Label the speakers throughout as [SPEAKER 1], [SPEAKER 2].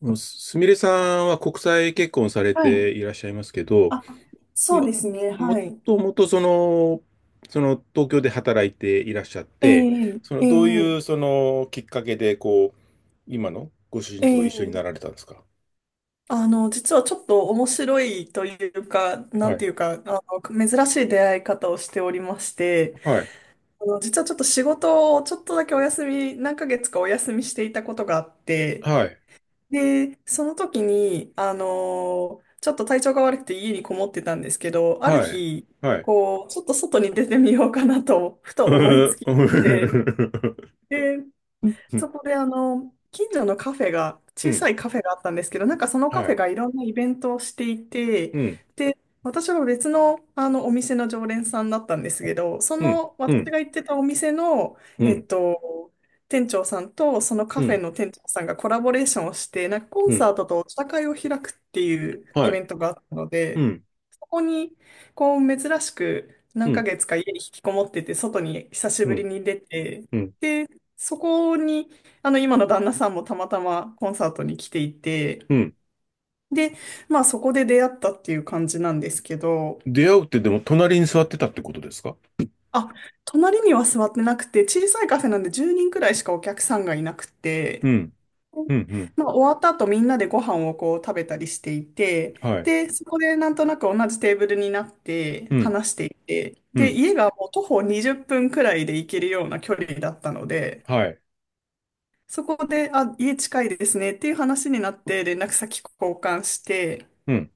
[SPEAKER 1] すみれさんは国際結婚され
[SPEAKER 2] はい。
[SPEAKER 1] ていらっしゃいますけど、
[SPEAKER 2] あ、そう
[SPEAKER 1] ま、
[SPEAKER 2] ですね。は
[SPEAKER 1] も
[SPEAKER 2] い。
[SPEAKER 1] ともとその東京で働いていらっしゃっ
[SPEAKER 2] え
[SPEAKER 1] て、
[SPEAKER 2] ええ
[SPEAKER 1] どう
[SPEAKER 2] え
[SPEAKER 1] いうきっかけで今のご主人
[SPEAKER 2] え
[SPEAKER 1] と一
[SPEAKER 2] え
[SPEAKER 1] 緒になられたんですか？
[SPEAKER 2] 実はちょっと面白いというか、な
[SPEAKER 1] は
[SPEAKER 2] んて
[SPEAKER 1] い。
[SPEAKER 2] いうか、珍しい出会い方をしておりまして、
[SPEAKER 1] はい。
[SPEAKER 2] 実はちょっと仕事をちょっとだけお休み、何ヶ月かお休みしていたことがあって、
[SPEAKER 1] はい。
[SPEAKER 2] で、その時に、ちょっと体調が悪くて家にこもってたんですけど、ある
[SPEAKER 1] はい。
[SPEAKER 2] 日、
[SPEAKER 1] はい。
[SPEAKER 2] こう、ちょっと外に出てみようかなと、ふと
[SPEAKER 1] う
[SPEAKER 2] 思いつきで、
[SPEAKER 1] ー
[SPEAKER 2] で
[SPEAKER 1] ん。
[SPEAKER 2] そこで近所のカフェが、
[SPEAKER 1] う
[SPEAKER 2] 小さ
[SPEAKER 1] ん。
[SPEAKER 2] いカフェがあったんですけど、なんかその
[SPEAKER 1] は
[SPEAKER 2] カフェ
[SPEAKER 1] い。
[SPEAKER 2] がいろんなイベントをしていて、
[SPEAKER 1] うん。
[SPEAKER 2] で、私は別の、あのお店の常連さんだったんですけど、そ
[SPEAKER 1] うん。
[SPEAKER 2] の
[SPEAKER 1] う
[SPEAKER 2] 私
[SPEAKER 1] ん。
[SPEAKER 2] が行ってたお店の、
[SPEAKER 1] う
[SPEAKER 2] えっ
[SPEAKER 1] ん。
[SPEAKER 2] と、店長さんとその
[SPEAKER 1] う
[SPEAKER 2] カフェ
[SPEAKER 1] ん。
[SPEAKER 2] の店長さんがコラボレーションをして、なんかコ
[SPEAKER 1] う
[SPEAKER 2] ン
[SPEAKER 1] ん。
[SPEAKER 2] サートとお茶会を開くっていうイ
[SPEAKER 1] は
[SPEAKER 2] ベ
[SPEAKER 1] い。
[SPEAKER 2] ントがあったの
[SPEAKER 1] う
[SPEAKER 2] で、
[SPEAKER 1] ん。
[SPEAKER 2] ここに、こう、珍しく
[SPEAKER 1] う
[SPEAKER 2] 何ヶ
[SPEAKER 1] ん。
[SPEAKER 2] 月か家に引きこもってて、外に久し
[SPEAKER 1] う
[SPEAKER 2] ぶり
[SPEAKER 1] ん。
[SPEAKER 2] に出て、
[SPEAKER 1] うん。
[SPEAKER 2] で、そこに、今の旦那さんもたまたまコンサートに来ていて、
[SPEAKER 1] うん。
[SPEAKER 2] で、まあそこで出会ったっていう感じなんですけど、
[SPEAKER 1] 出会うってでも隣に座ってたってことですか？
[SPEAKER 2] あ、隣には座ってなくて、小さいカフェなんで10人くらいしかお客さんがいなく
[SPEAKER 1] う
[SPEAKER 2] て、
[SPEAKER 1] ん、うん、うん、
[SPEAKER 2] まあ、終わった後みんなでご飯をこう食べたりしていて、
[SPEAKER 1] はい、
[SPEAKER 2] で、そこでなんとなく同じテーブルになって
[SPEAKER 1] うん、
[SPEAKER 2] 話していて、
[SPEAKER 1] う
[SPEAKER 2] で、
[SPEAKER 1] ん、
[SPEAKER 2] 家がもう徒歩20分くらいで行けるような距離だったので、
[SPEAKER 1] はい、
[SPEAKER 2] そこで、あ、家近いですねっていう話になって連絡先交換して、
[SPEAKER 1] うん、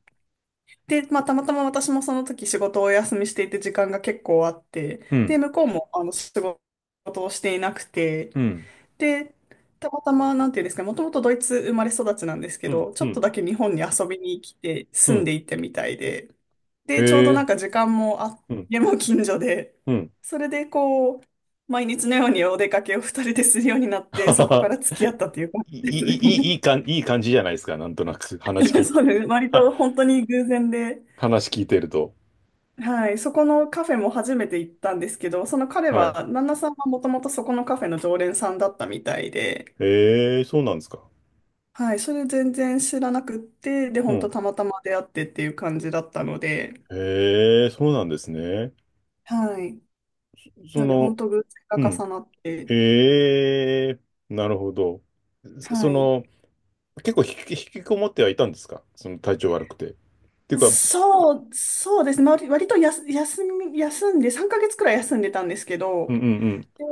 [SPEAKER 2] で、まあ、たまたま私もその時仕事をお休みしていて時間が結構あって、
[SPEAKER 1] うん、
[SPEAKER 2] で、向こうも仕事をしていなくて、
[SPEAKER 1] うん、
[SPEAKER 2] で、たまたま、なんていうんですかね、もともとドイツ生まれ育ちなんですけ
[SPEAKER 1] うん、
[SPEAKER 2] ど、ちょ
[SPEAKER 1] う
[SPEAKER 2] っと
[SPEAKER 1] ん、
[SPEAKER 2] だけ日本に遊びに来て、
[SPEAKER 1] う
[SPEAKER 2] 住ん
[SPEAKER 1] ん、
[SPEAKER 2] でいたみたいで、
[SPEAKER 1] え
[SPEAKER 2] で、ちょうどなん
[SPEAKER 1] え、
[SPEAKER 2] か時間もあって、
[SPEAKER 1] うん、
[SPEAKER 2] 家も近所で、
[SPEAKER 1] うん。
[SPEAKER 2] それでこう、毎日のようにお出かけを二人でするようになっ て、
[SPEAKER 1] は
[SPEAKER 2] そ
[SPEAKER 1] は
[SPEAKER 2] こか
[SPEAKER 1] は
[SPEAKER 2] ら付き合ったという感
[SPEAKER 1] い
[SPEAKER 2] じで
[SPEAKER 1] い、
[SPEAKER 2] す
[SPEAKER 1] いい、
[SPEAKER 2] ね。
[SPEAKER 1] いいかん、いい感じじゃないですか、なんとなく、話 聞い、
[SPEAKER 2] そうです。割
[SPEAKER 1] は
[SPEAKER 2] と本当に偶然で、
[SPEAKER 1] 話聞いてると。
[SPEAKER 2] はい、そこのカフェも初めて行ったんですけど、その彼
[SPEAKER 1] はい。
[SPEAKER 2] は、旦那さんはもともとそこのカフェの常連さんだったみたいで、
[SPEAKER 1] ええ、そうなんですか。
[SPEAKER 2] はい、それ全然知らなくって、で、
[SPEAKER 1] う
[SPEAKER 2] 本当
[SPEAKER 1] ん。
[SPEAKER 2] たまたま出会ってっていう感じだったので、
[SPEAKER 1] ええ、そうなんですね。
[SPEAKER 2] はい。
[SPEAKER 1] そ
[SPEAKER 2] なんで、
[SPEAKER 1] の、
[SPEAKER 2] 本当偶然
[SPEAKER 1] う
[SPEAKER 2] が
[SPEAKER 1] ん。
[SPEAKER 2] 重なって、
[SPEAKER 1] ええ、なるほど。そそ
[SPEAKER 2] はい。
[SPEAKER 1] の、結構引きこもってはいたんですか、その体調悪くて。っていうか、うん
[SPEAKER 2] そう、そうですね。まあ割とやす休み、休んで、3ヶ月くらい休んでたんですけ
[SPEAKER 1] う
[SPEAKER 2] ど、
[SPEAKER 1] んうん。
[SPEAKER 2] で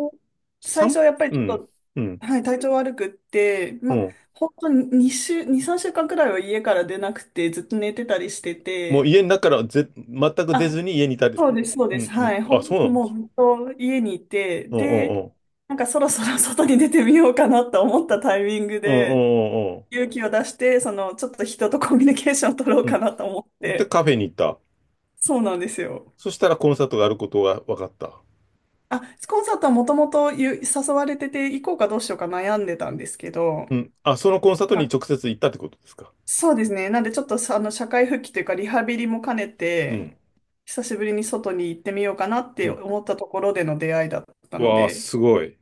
[SPEAKER 2] 最初
[SPEAKER 1] 三
[SPEAKER 2] はやっぱり
[SPEAKER 1] う
[SPEAKER 2] ちょ
[SPEAKER 1] ん、
[SPEAKER 2] っと、
[SPEAKER 1] うん、
[SPEAKER 2] はい、体調悪くって、
[SPEAKER 1] う
[SPEAKER 2] まあ、
[SPEAKER 1] ん。
[SPEAKER 2] 本当に2週、2、3週間くらいは家から出なくて、ずっと寝てたりして
[SPEAKER 1] もう
[SPEAKER 2] て、
[SPEAKER 1] 家の中から全く出
[SPEAKER 2] あ、
[SPEAKER 1] ずに家にいたり、
[SPEAKER 2] そうです、そう
[SPEAKER 1] う
[SPEAKER 2] です。
[SPEAKER 1] ん、うん。
[SPEAKER 2] はい。
[SPEAKER 1] あ、そうなの。
[SPEAKER 2] もうずっと家にいて、
[SPEAKER 1] うんう
[SPEAKER 2] で、
[SPEAKER 1] んうん。
[SPEAKER 2] なんかそろそろ 外に出てみようかなと思ったタイミング
[SPEAKER 1] うんう
[SPEAKER 2] で、
[SPEAKER 1] んうん
[SPEAKER 2] 勇気を出して、ちょっと人とコミュニケーションを取ろう
[SPEAKER 1] う
[SPEAKER 2] か
[SPEAKER 1] ん。
[SPEAKER 2] なと思っ
[SPEAKER 1] うん。で、
[SPEAKER 2] て、
[SPEAKER 1] カフェに行った。
[SPEAKER 2] そうなんですよ。
[SPEAKER 1] そしたらコンサートがあることが分かった。
[SPEAKER 2] あ、コンサートはもともと誘われてて、行こうかどうしようか悩んでたんですけど、
[SPEAKER 1] うん。あ、そのコンサートに
[SPEAKER 2] あ、
[SPEAKER 1] 直接行ったってことですか。
[SPEAKER 2] そうですね。なんでちょっとさあの、社会復帰というか、リハビリも兼ね
[SPEAKER 1] う
[SPEAKER 2] て、
[SPEAKER 1] ん。
[SPEAKER 2] 久しぶりに外に行ってみようかなっ
[SPEAKER 1] う
[SPEAKER 2] て
[SPEAKER 1] ん。
[SPEAKER 2] 思ったところでの出会いだったの
[SPEAKER 1] わあ、
[SPEAKER 2] で、
[SPEAKER 1] すごい。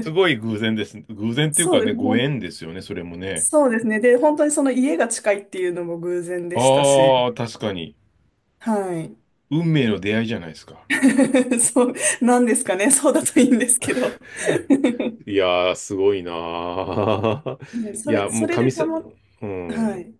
[SPEAKER 1] すごい 偶然ですね。偶然っていう
[SPEAKER 2] そう
[SPEAKER 1] か
[SPEAKER 2] で
[SPEAKER 1] ね、
[SPEAKER 2] す。
[SPEAKER 1] ご縁ですよね、それもね。
[SPEAKER 2] そうですね。で、本当にその家が近いっていうのも偶然でしたし、
[SPEAKER 1] ああ、確かに。
[SPEAKER 2] はい。
[SPEAKER 1] 運命の出会いじゃないですか。
[SPEAKER 2] そう、なんですかね。そうだといいんですけど。は
[SPEAKER 1] いやー、すごいなー。
[SPEAKER 2] い、
[SPEAKER 1] い
[SPEAKER 2] それ、
[SPEAKER 1] や、も
[SPEAKER 2] そ
[SPEAKER 1] う
[SPEAKER 2] れでたま、
[SPEAKER 1] う
[SPEAKER 2] は
[SPEAKER 1] ん。
[SPEAKER 2] い。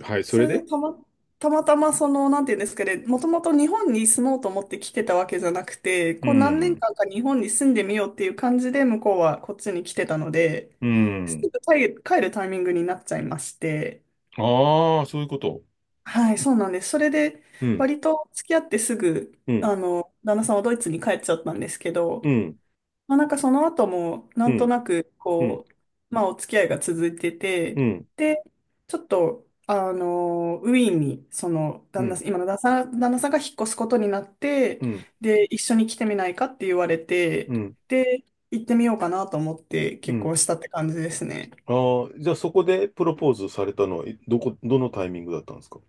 [SPEAKER 1] はい、そ
[SPEAKER 2] そ
[SPEAKER 1] れ
[SPEAKER 2] れで
[SPEAKER 1] で。
[SPEAKER 2] たま、たまたまその、なんていうんですかね、もともと日本に住もうと思って来てたわけじゃなくて、
[SPEAKER 1] う
[SPEAKER 2] こう何年
[SPEAKER 1] ん。
[SPEAKER 2] 間か日本に住んでみようっていう感じで、向こうはこっちに来てたので、
[SPEAKER 1] う
[SPEAKER 2] す
[SPEAKER 1] ん。
[SPEAKER 2] ぐ帰るタイミングになっちゃいまして、
[SPEAKER 1] ああ、そういうこと。
[SPEAKER 2] はい、そうなんです。それで、
[SPEAKER 1] うん、
[SPEAKER 2] 割と付き合ってすぐ、
[SPEAKER 1] うん、
[SPEAKER 2] 旦那さんはドイツに帰っちゃったんですけど、
[SPEAKER 1] うん、
[SPEAKER 2] まあ、なんかその後も、な
[SPEAKER 1] う
[SPEAKER 2] んと
[SPEAKER 1] ん、
[SPEAKER 2] なく、
[SPEAKER 1] うん、
[SPEAKER 2] こう、まあ、お付き合いが続いて
[SPEAKER 1] う
[SPEAKER 2] て、
[SPEAKER 1] ん、
[SPEAKER 2] で、ちょっと、ウィーンに、その、
[SPEAKER 1] う
[SPEAKER 2] 旦那
[SPEAKER 1] ん、
[SPEAKER 2] さん、今の旦那さんが引っ越すことになって、
[SPEAKER 1] うん、
[SPEAKER 2] で、一緒に来てみないかって言われて、
[SPEAKER 1] うん、
[SPEAKER 2] で、行ってみようかなと思って
[SPEAKER 1] う
[SPEAKER 2] 結
[SPEAKER 1] ん。
[SPEAKER 2] 婚したって感じですね。
[SPEAKER 1] ああ、じゃあそこでプロポーズされたのは、えどこ、どのタイミングだったんですか？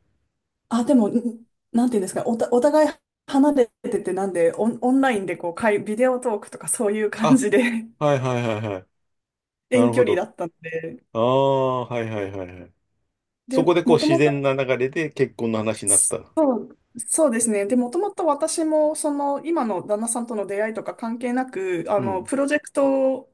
[SPEAKER 2] あ、でも、なんていうんですか、お互い離れてて、なんで、オンラインでこう、ビデオトークとかそういう感
[SPEAKER 1] あ、
[SPEAKER 2] じで
[SPEAKER 1] はいはいはいはい。な
[SPEAKER 2] 遠
[SPEAKER 1] るほ
[SPEAKER 2] 距離だ
[SPEAKER 1] ど。
[SPEAKER 2] ったんで、
[SPEAKER 1] ああ、はいはいはいはい。そ
[SPEAKER 2] で、
[SPEAKER 1] こでこう
[SPEAKER 2] もと
[SPEAKER 1] 自
[SPEAKER 2] も
[SPEAKER 1] 然
[SPEAKER 2] と、
[SPEAKER 1] な流れで結婚の話になっ
[SPEAKER 2] そ
[SPEAKER 1] た。
[SPEAKER 2] そうですね。で、もともと私も、その、今の旦那さんとの出会いとか関係なく、あ
[SPEAKER 1] う
[SPEAKER 2] の、
[SPEAKER 1] ん、
[SPEAKER 2] プロジェクト、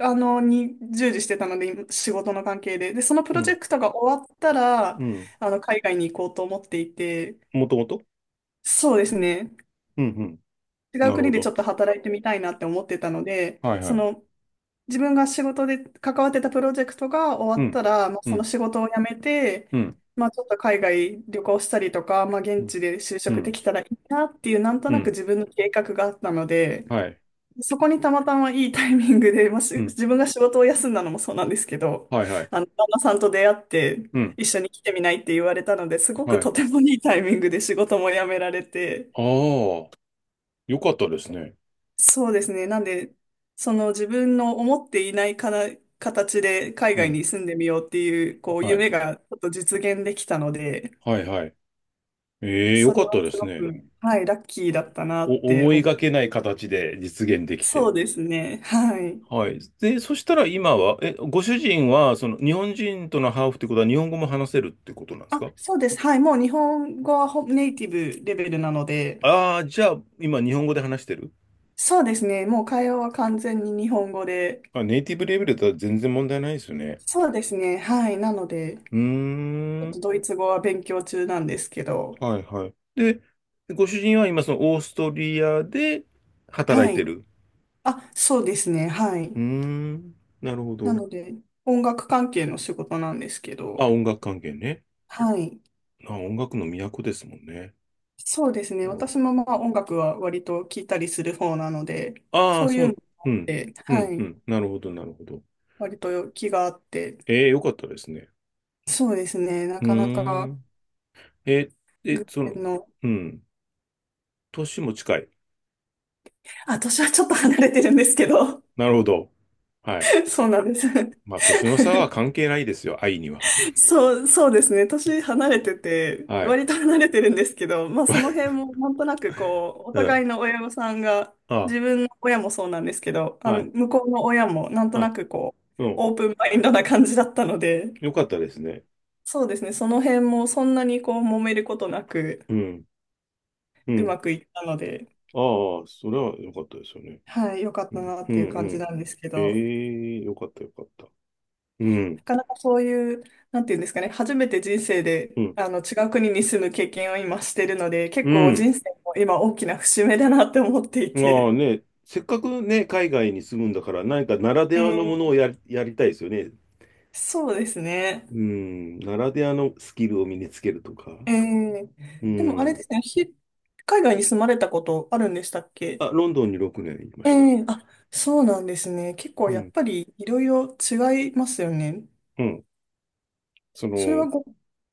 [SPEAKER 2] あの、に従事してたので、仕事の関係で。で、そのプ
[SPEAKER 1] う
[SPEAKER 2] ロジェ
[SPEAKER 1] ん、
[SPEAKER 2] クトが終わったら、
[SPEAKER 1] うん。
[SPEAKER 2] 海外に行こうと思っていて、
[SPEAKER 1] もともと。
[SPEAKER 2] そうですね。
[SPEAKER 1] うん、うん。
[SPEAKER 2] 違う
[SPEAKER 1] なる
[SPEAKER 2] 国
[SPEAKER 1] ほ
[SPEAKER 2] でちょ
[SPEAKER 1] ど。
[SPEAKER 2] っと働いてみたいなって思ってたので、
[SPEAKER 1] はいは
[SPEAKER 2] そ
[SPEAKER 1] い。
[SPEAKER 2] の、自分が仕事で関わってたプロジェクトが終
[SPEAKER 1] う
[SPEAKER 2] わっ
[SPEAKER 1] ん。
[SPEAKER 2] たら、まあ、
[SPEAKER 1] う
[SPEAKER 2] その
[SPEAKER 1] ん。
[SPEAKER 2] 仕事を辞めて、
[SPEAKER 1] うん。
[SPEAKER 2] まあ、ちょっと海外旅行したりとか、まあ、
[SPEAKER 1] う
[SPEAKER 2] 現
[SPEAKER 1] ん。
[SPEAKER 2] 地で就
[SPEAKER 1] う
[SPEAKER 2] 職で
[SPEAKER 1] ん。
[SPEAKER 2] きたらいいなっていう、なんと
[SPEAKER 1] う
[SPEAKER 2] なく
[SPEAKER 1] ん。
[SPEAKER 2] 自分の計画があったので、
[SPEAKER 1] はい。
[SPEAKER 2] そこにたまたまいいタイミングで、まあ、
[SPEAKER 1] うん。
[SPEAKER 2] 自分が仕事を休んだのもそうなんですけど、
[SPEAKER 1] はいはい。
[SPEAKER 2] 旦那さんと出会って、
[SPEAKER 1] うん。
[SPEAKER 2] 一緒に来てみないって言われたので、すごく
[SPEAKER 1] はい。
[SPEAKER 2] とてもいいタイミングで仕事も辞められて、
[SPEAKER 1] ああ、よかったですね。
[SPEAKER 2] そうですね。なんで、その自分の思っていないかな形で海
[SPEAKER 1] う
[SPEAKER 2] 外
[SPEAKER 1] ん。
[SPEAKER 2] に住んでみようっていう、こう、
[SPEAKER 1] はい。
[SPEAKER 2] 夢がちょっと実現できたので、
[SPEAKER 1] はいはい。ええ、よ
[SPEAKER 2] そ
[SPEAKER 1] か
[SPEAKER 2] れ
[SPEAKER 1] っ
[SPEAKER 2] は
[SPEAKER 1] たで
[SPEAKER 2] す
[SPEAKER 1] す
[SPEAKER 2] ご
[SPEAKER 1] ね。
[SPEAKER 2] く、はい、ラッキーだったなって
[SPEAKER 1] 思い
[SPEAKER 2] 思
[SPEAKER 1] が
[SPEAKER 2] う。
[SPEAKER 1] けない形で実現でき
[SPEAKER 2] そ
[SPEAKER 1] て。
[SPEAKER 2] うですね。はい。
[SPEAKER 1] はい。で、そしたら今は、ご主人は、日本人とのハーフってことは日本語も話せるってことなんです
[SPEAKER 2] あ、
[SPEAKER 1] か？
[SPEAKER 2] そうです。はい。もう日本語はネイティブレベルなので、
[SPEAKER 1] ああー、じゃあ、今日本語で話してる？
[SPEAKER 2] そうですね。もう会話は完全に日本語で、
[SPEAKER 1] あ、ネイティブレベルだったら全然問題ないですよね。
[SPEAKER 2] そうですね。はい。なので、ち
[SPEAKER 1] うー
[SPEAKER 2] ょっと
[SPEAKER 1] ん。
[SPEAKER 2] ドイツ語は勉強中なんですけど、
[SPEAKER 1] はいはい。で、ご主人は今そのオーストリアで働
[SPEAKER 2] は
[SPEAKER 1] い
[SPEAKER 2] い。
[SPEAKER 1] てる。
[SPEAKER 2] あ、そうですね。はい。
[SPEAKER 1] うーん、なるほ
[SPEAKER 2] な
[SPEAKER 1] ど。
[SPEAKER 2] ので、音楽関係の仕事なんですけど、
[SPEAKER 1] あ、音楽関係ね。
[SPEAKER 2] はい。
[SPEAKER 1] あ、音楽の都ですもんね。
[SPEAKER 2] そうですね。
[SPEAKER 1] お
[SPEAKER 2] 私もまあ音楽は割と聴いたりする方なので、
[SPEAKER 1] ああ、
[SPEAKER 2] そういうのもあっ
[SPEAKER 1] うん、
[SPEAKER 2] て、
[SPEAKER 1] う
[SPEAKER 2] は
[SPEAKER 1] ん、う
[SPEAKER 2] い。
[SPEAKER 1] ん。なるほど、なるほど。
[SPEAKER 2] 割と気があって、
[SPEAKER 1] ええ、よかったですね。
[SPEAKER 2] そうですね。な
[SPEAKER 1] うー
[SPEAKER 2] かなか
[SPEAKER 1] ん。え、え、
[SPEAKER 2] 偶
[SPEAKER 1] その、
[SPEAKER 2] 然の、
[SPEAKER 1] うん。年も近い？
[SPEAKER 2] あ、年はちょっと離れてるんですけど、
[SPEAKER 1] なるほど。はい。
[SPEAKER 2] そうなんです。
[SPEAKER 1] まあ、年の差は関係ないですよ、愛には。
[SPEAKER 2] そう、そうですね。年離れてて、
[SPEAKER 1] はい。
[SPEAKER 2] 割と離れてるんですけど、まあその辺 もなんとなくこう、お
[SPEAKER 1] うん。
[SPEAKER 2] 互いの親御さんが、
[SPEAKER 1] あ、
[SPEAKER 2] 自分の親もそうなんですけど、
[SPEAKER 1] はい、
[SPEAKER 2] 向こうの親もなんと
[SPEAKER 1] は
[SPEAKER 2] な
[SPEAKER 1] い。
[SPEAKER 2] くこ
[SPEAKER 1] う
[SPEAKER 2] う、
[SPEAKER 1] ん。
[SPEAKER 2] オープンマインドな感じだったので、
[SPEAKER 1] よかったですね。
[SPEAKER 2] そうですね。その辺もそんなにこう、揉めることなく、
[SPEAKER 1] うん。う
[SPEAKER 2] う
[SPEAKER 1] ん。
[SPEAKER 2] まくいったので、
[SPEAKER 1] ああ、それは良かったですよね。
[SPEAKER 2] はい、良かっ
[SPEAKER 1] う
[SPEAKER 2] た
[SPEAKER 1] ん、
[SPEAKER 2] なっ
[SPEAKER 1] う
[SPEAKER 2] ていう感
[SPEAKER 1] ん、う
[SPEAKER 2] じな
[SPEAKER 1] ん。
[SPEAKER 2] んですけ
[SPEAKER 1] え
[SPEAKER 2] ど。
[SPEAKER 1] え、良かった良かった。うん、
[SPEAKER 2] なかなかそういう、なんていうんですかね、初めて人生で
[SPEAKER 1] うん、
[SPEAKER 2] 違う国に住む経験を今してるので、
[SPEAKER 1] う
[SPEAKER 2] 結構
[SPEAKER 1] ん。
[SPEAKER 2] 人生も今大きな節目だなって思ってい
[SPEAKER 1] まあ
[SPEAKER 2] て。
[SPEAKER 1] ね、せっかくね、海外に住むんだから、何かならで
[SPEAKER 2] え
[SPEAKER 1] はのものを
[SPEAKER 2] ー
[SPEAKER 1] やりたいですよね。
[SPEAKER 2] そうですね。
[SPEAKER 1] うん、ならではのスキルを身につけるとか。
[SPEAKER 2] え
[SPEAKER 1] う
[SPEAKER 2] ーでもあれ
[SPEAKER 1] ん。
[SPEAKER 2] ですね、海外に住まれたことあるんでしたっけ？
[SPEAKER 1] あ、ロンドンに6年いま
[SPEAKER 2] え
[SPEAKER 1] した。
[SPEAKER 2] え、あ、そうなんですね。結
[SPEAKER 1] う
[SPEAKER 2] 構やっ
[SPEAKER 1] ん、
[SPEAKER 2] ぱりいろいろ違いますよね。
[SPEAKER 1] うん。そ
[SPEAKER 2] それは
[SPEAKER 1] の、
[SPEAKER 2] ご、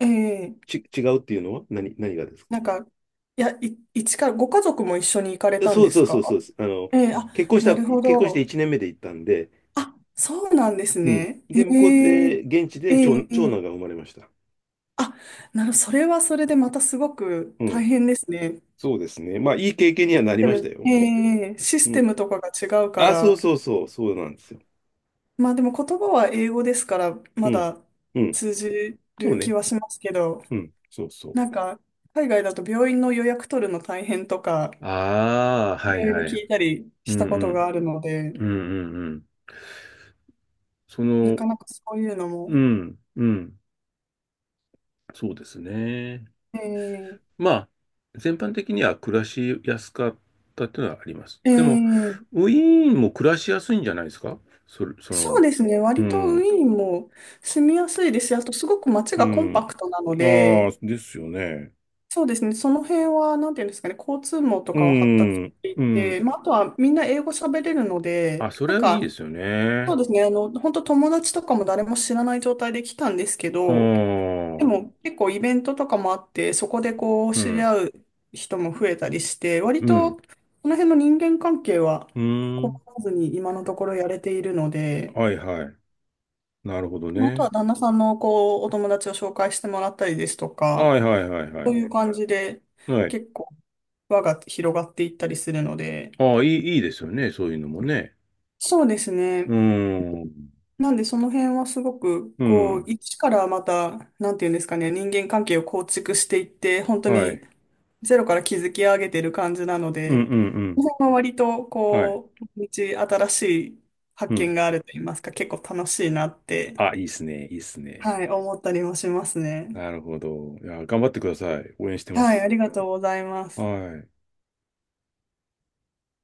[SPEAKER 2] ええ、
[SPEAKER 1] 違うっていうのは何がですか？
[SPEAKER 2] なんか、いや、一から、ご家族も一緒に行かれ
[SPEAKER 1] いや
[SPEAKER 2] たん
[SPEAKER 1] そう
[SPEAKER 2] で
[SPEAKER 1] そ
[SPEAKER 2] す
[SPEAKER 1] うそ
[SPEAKER 2] か？
[SPEAKER 1] うそうです。
[SPEAKER 2] ええ、あ、なるほ
[SPEAKER 1] 結婚して
[SPEAKER 2] ど。
[SPEAKER 1] 1年目で行ったんで、
[SPEAKER 2] あ、そうなんです
[SPEAKER 1] うん。
[SPEAKER 2] ね。え
[SPEAKER 1] で、向こう
[SPEAKER 2] え
[SPEAKER 1] で、現地
[SPEAKER 2] え
[SPEAKER 1] で長、
[SPEAKER 2] ええ
[SPEAKER 1] 長男が
[SPEAKER 2] え、
[SPEAKER 1] 生まれました。
[SPEAKER 2] あ、なるほど、それはそれでまたすごく
[SPEAKER 1] う
[SPEAKER 2] 大
[SPEAKER 1] ん。
[SPEAKER 2] 変ですね。
[SPEAKER 1] そうですね。まあ、いい経験に
[SPEAKER 2] シ
[SPEAKER 1] は
[SPEAKER 2] ス
[SPEAKER 1] なり
[SPEAKER 2] テ
[SPEAKER 1] ました
[SPEAKER 2] ム、え
[SPEAKER 1] よ。
[SPEAKER 2] えシ
[SPEAKER 1] う
[SPEAKER 2] ステ
[SPEAKER 1] ん。
[SPEAKER 2] ムとかが違うか
[SPEAKER 1] あ、そ
[SPEAKER 2] ら。
[SPEAKER 1] うそうそう、そうなんですよ。
[SPEAKER 2] まあでも言葉は英語ですから、
[SPEAKER 1] う
[SPEAKER 2] ま
[SPEAKER 1] ん。
[SPEAKER 2] だ
[SPEAKER 1] うん。
[SPEAKER 2] 通じ
[SPEAKER 1] そう
[SPEAKER 2] る気
[SPEAKER 1] ね。
[SPEAKER 2] はしますけど、
[SPEAKER 1] うん。そうそう。
[SPEAKER 2] なんか、海外だと病院の予約取るの大変とか、
[SPEAKER 1] ああ、
[SPEAKER 2] い
[SPEAKER 1] はい
[SPEAKER 2] ろい
[SPEAKER 1] は
[SPEAKER 2] ろ
[SPEAKER 1] い。
[SPEAKER 2] 聞いたり
[SPEAKER 1] う
[SPEAKER 2] した
[SPEAKER 1] ん
[SPEAKER 2] こ
[SPEAKER 1] う
[SPEAKER 2] と
[SPEAKER 1] ん。
[SPEAKER 2] があるので、
[SPEAKER 1] うんうんうん。そ
[SPEAKER 2] な
[SPEAKER 1] の、
[SPEAKER 2] かなかそういうの
[SPEAKER 1] う
[SPEAKER 2] も、
[SPEAKER 1] ん、うん。そうですね。
[SPEAKER 2] ええ
[SPEAKER 1] まあ、全般的には暮らしやすかったっていうのはあります。でも、
[SPEAKER 2] ええ、
[SPEAKER 1] ウィーンも暮らしやすいんじゃないですか？それ、そ
[SPEAKER 2] そ
[SPEAKER 1] の、
[SPEAKER 2] うですね。
[SPEAKER 1] う
[SPEAKER 2] 割とウ
[SPEAKER 1] ん、
[SPEAKER 2] ィーンも住みやすいですし、あとすごく街
[SPEAKER 1] う
[SPEAKER 2] がコン
[SPEAKER 1] ん。
[SPEAKER 2] パクトなの
[SPEAKER 1] ああ、
[SPEAKER 2] で、
[SPEAKER 1] ですよね。
[SPEAKER 2] そうですね。その辺は、なんていうんですかね、交通網と
[SPEAKER 1] う
[SPEAKER 2] かは発達し
[SPEAKER 1] ん、
[SPEAKER 2] てい
[SPEAKER 1] う
[SPEAKER 2] て、
[SPEAKER 1] ん。
[SPEAKER 2] まあ、あとはみんな英語喋れるの
[SPEAKER 1] あ、
[SPEAKER 2] で、
[SPEAKER 1] そ
[SPEAKER 2] なん
[SPEAKER 1] れはいいで
[SPEAKER 2] か、
[SPEAKER 1] すよ
[SPEAKER 2] そう
[SPEAKER 1] ね。
[SPEAKER 2] ですね。本当友達とかも誰も知らない状態で来たんですけ
[SPEAKER 1] う
[SPEAKER 2] ど、
[SPEAKER 1] ん、
[SPEAKER 2] で
[SPEAKER 1] うん、
[SPEAKER 2] も結構イベントとかもあって、そこでこう知り合う人も増えたりして、割
[SPEAKER 1] う
[SPEAKER 2] とこ
[SPEAKER 1] ん、
[SPEAKER 2] の辺の人間関係は
[SPEAKER 1] う
[SPEAKER 2] 困
[SPEAKER 1] ん。
[SPEAKER 2] らずに今のところやれているので、
[SPEAKER 1] はいはい。なるほど
[SPEAKER 2] あとは
[SPEAKER 1] ね。
[SPEAKER 2] 旦那さんのこう、お友達を紹介してもらったりですとか、
[SPEAKER 1] はいはいはいは
[SPEAKER 2] そう
[SPEAKER 1] い。
[SPEAKER 2] いう感じで
[SPEAKER 1] はい。
[SPEAKER 2] 結構輪が広がっていったりするので、
[SPEAKER 1] ああ、いいですよね。そういうのもね。
[SPEAKER 2] そうですね。
[SPEAKER 1] うん、
[SPEAKER 2] なんでその辺はすごく、
[SPEAKER 1] う
[SPEAKER 2] こう、
[SPEAKER 1] ん、
[SPEAKER 2] 一からまた、なんていうんですかね、人間関係を構築していって、本当
[SPEAKER 1] は
[SPEAKER 2] に
[SPEAKER 1] い。
[SPEAKER 2] ゼロから築き上げてる感じなの
[SPEAKER 1] うん、うん、う
[SPEAKER 2] で、
[SPEAKER 1] ん。
[SPEAKER 2] その辺は割と、
[SPEAKER 1] はい。
[SPEAKER 2] こう、毎日新しい
[SPEAKER 1] う
[SPEAKER 2] 発
[SPEAKER 1] ん。
[SPEAKER 2] 見があると言いますか、結構楽しいなって、
[SPEAKER 1] あ、いいっすね。いいっすね。
[SPEAKER 2] はい、思ったりもしますね。
[SPEAKER 1] なるほど。いや、頑張ってください。応援してま
[SPEAKER 2] はい、あ
[SPEAKER 1] す。
[SPEAKER 2] りがとうございま
[SPEAKER 1] は
[SPEAKER 2] す。
[SPEAKER 1] い。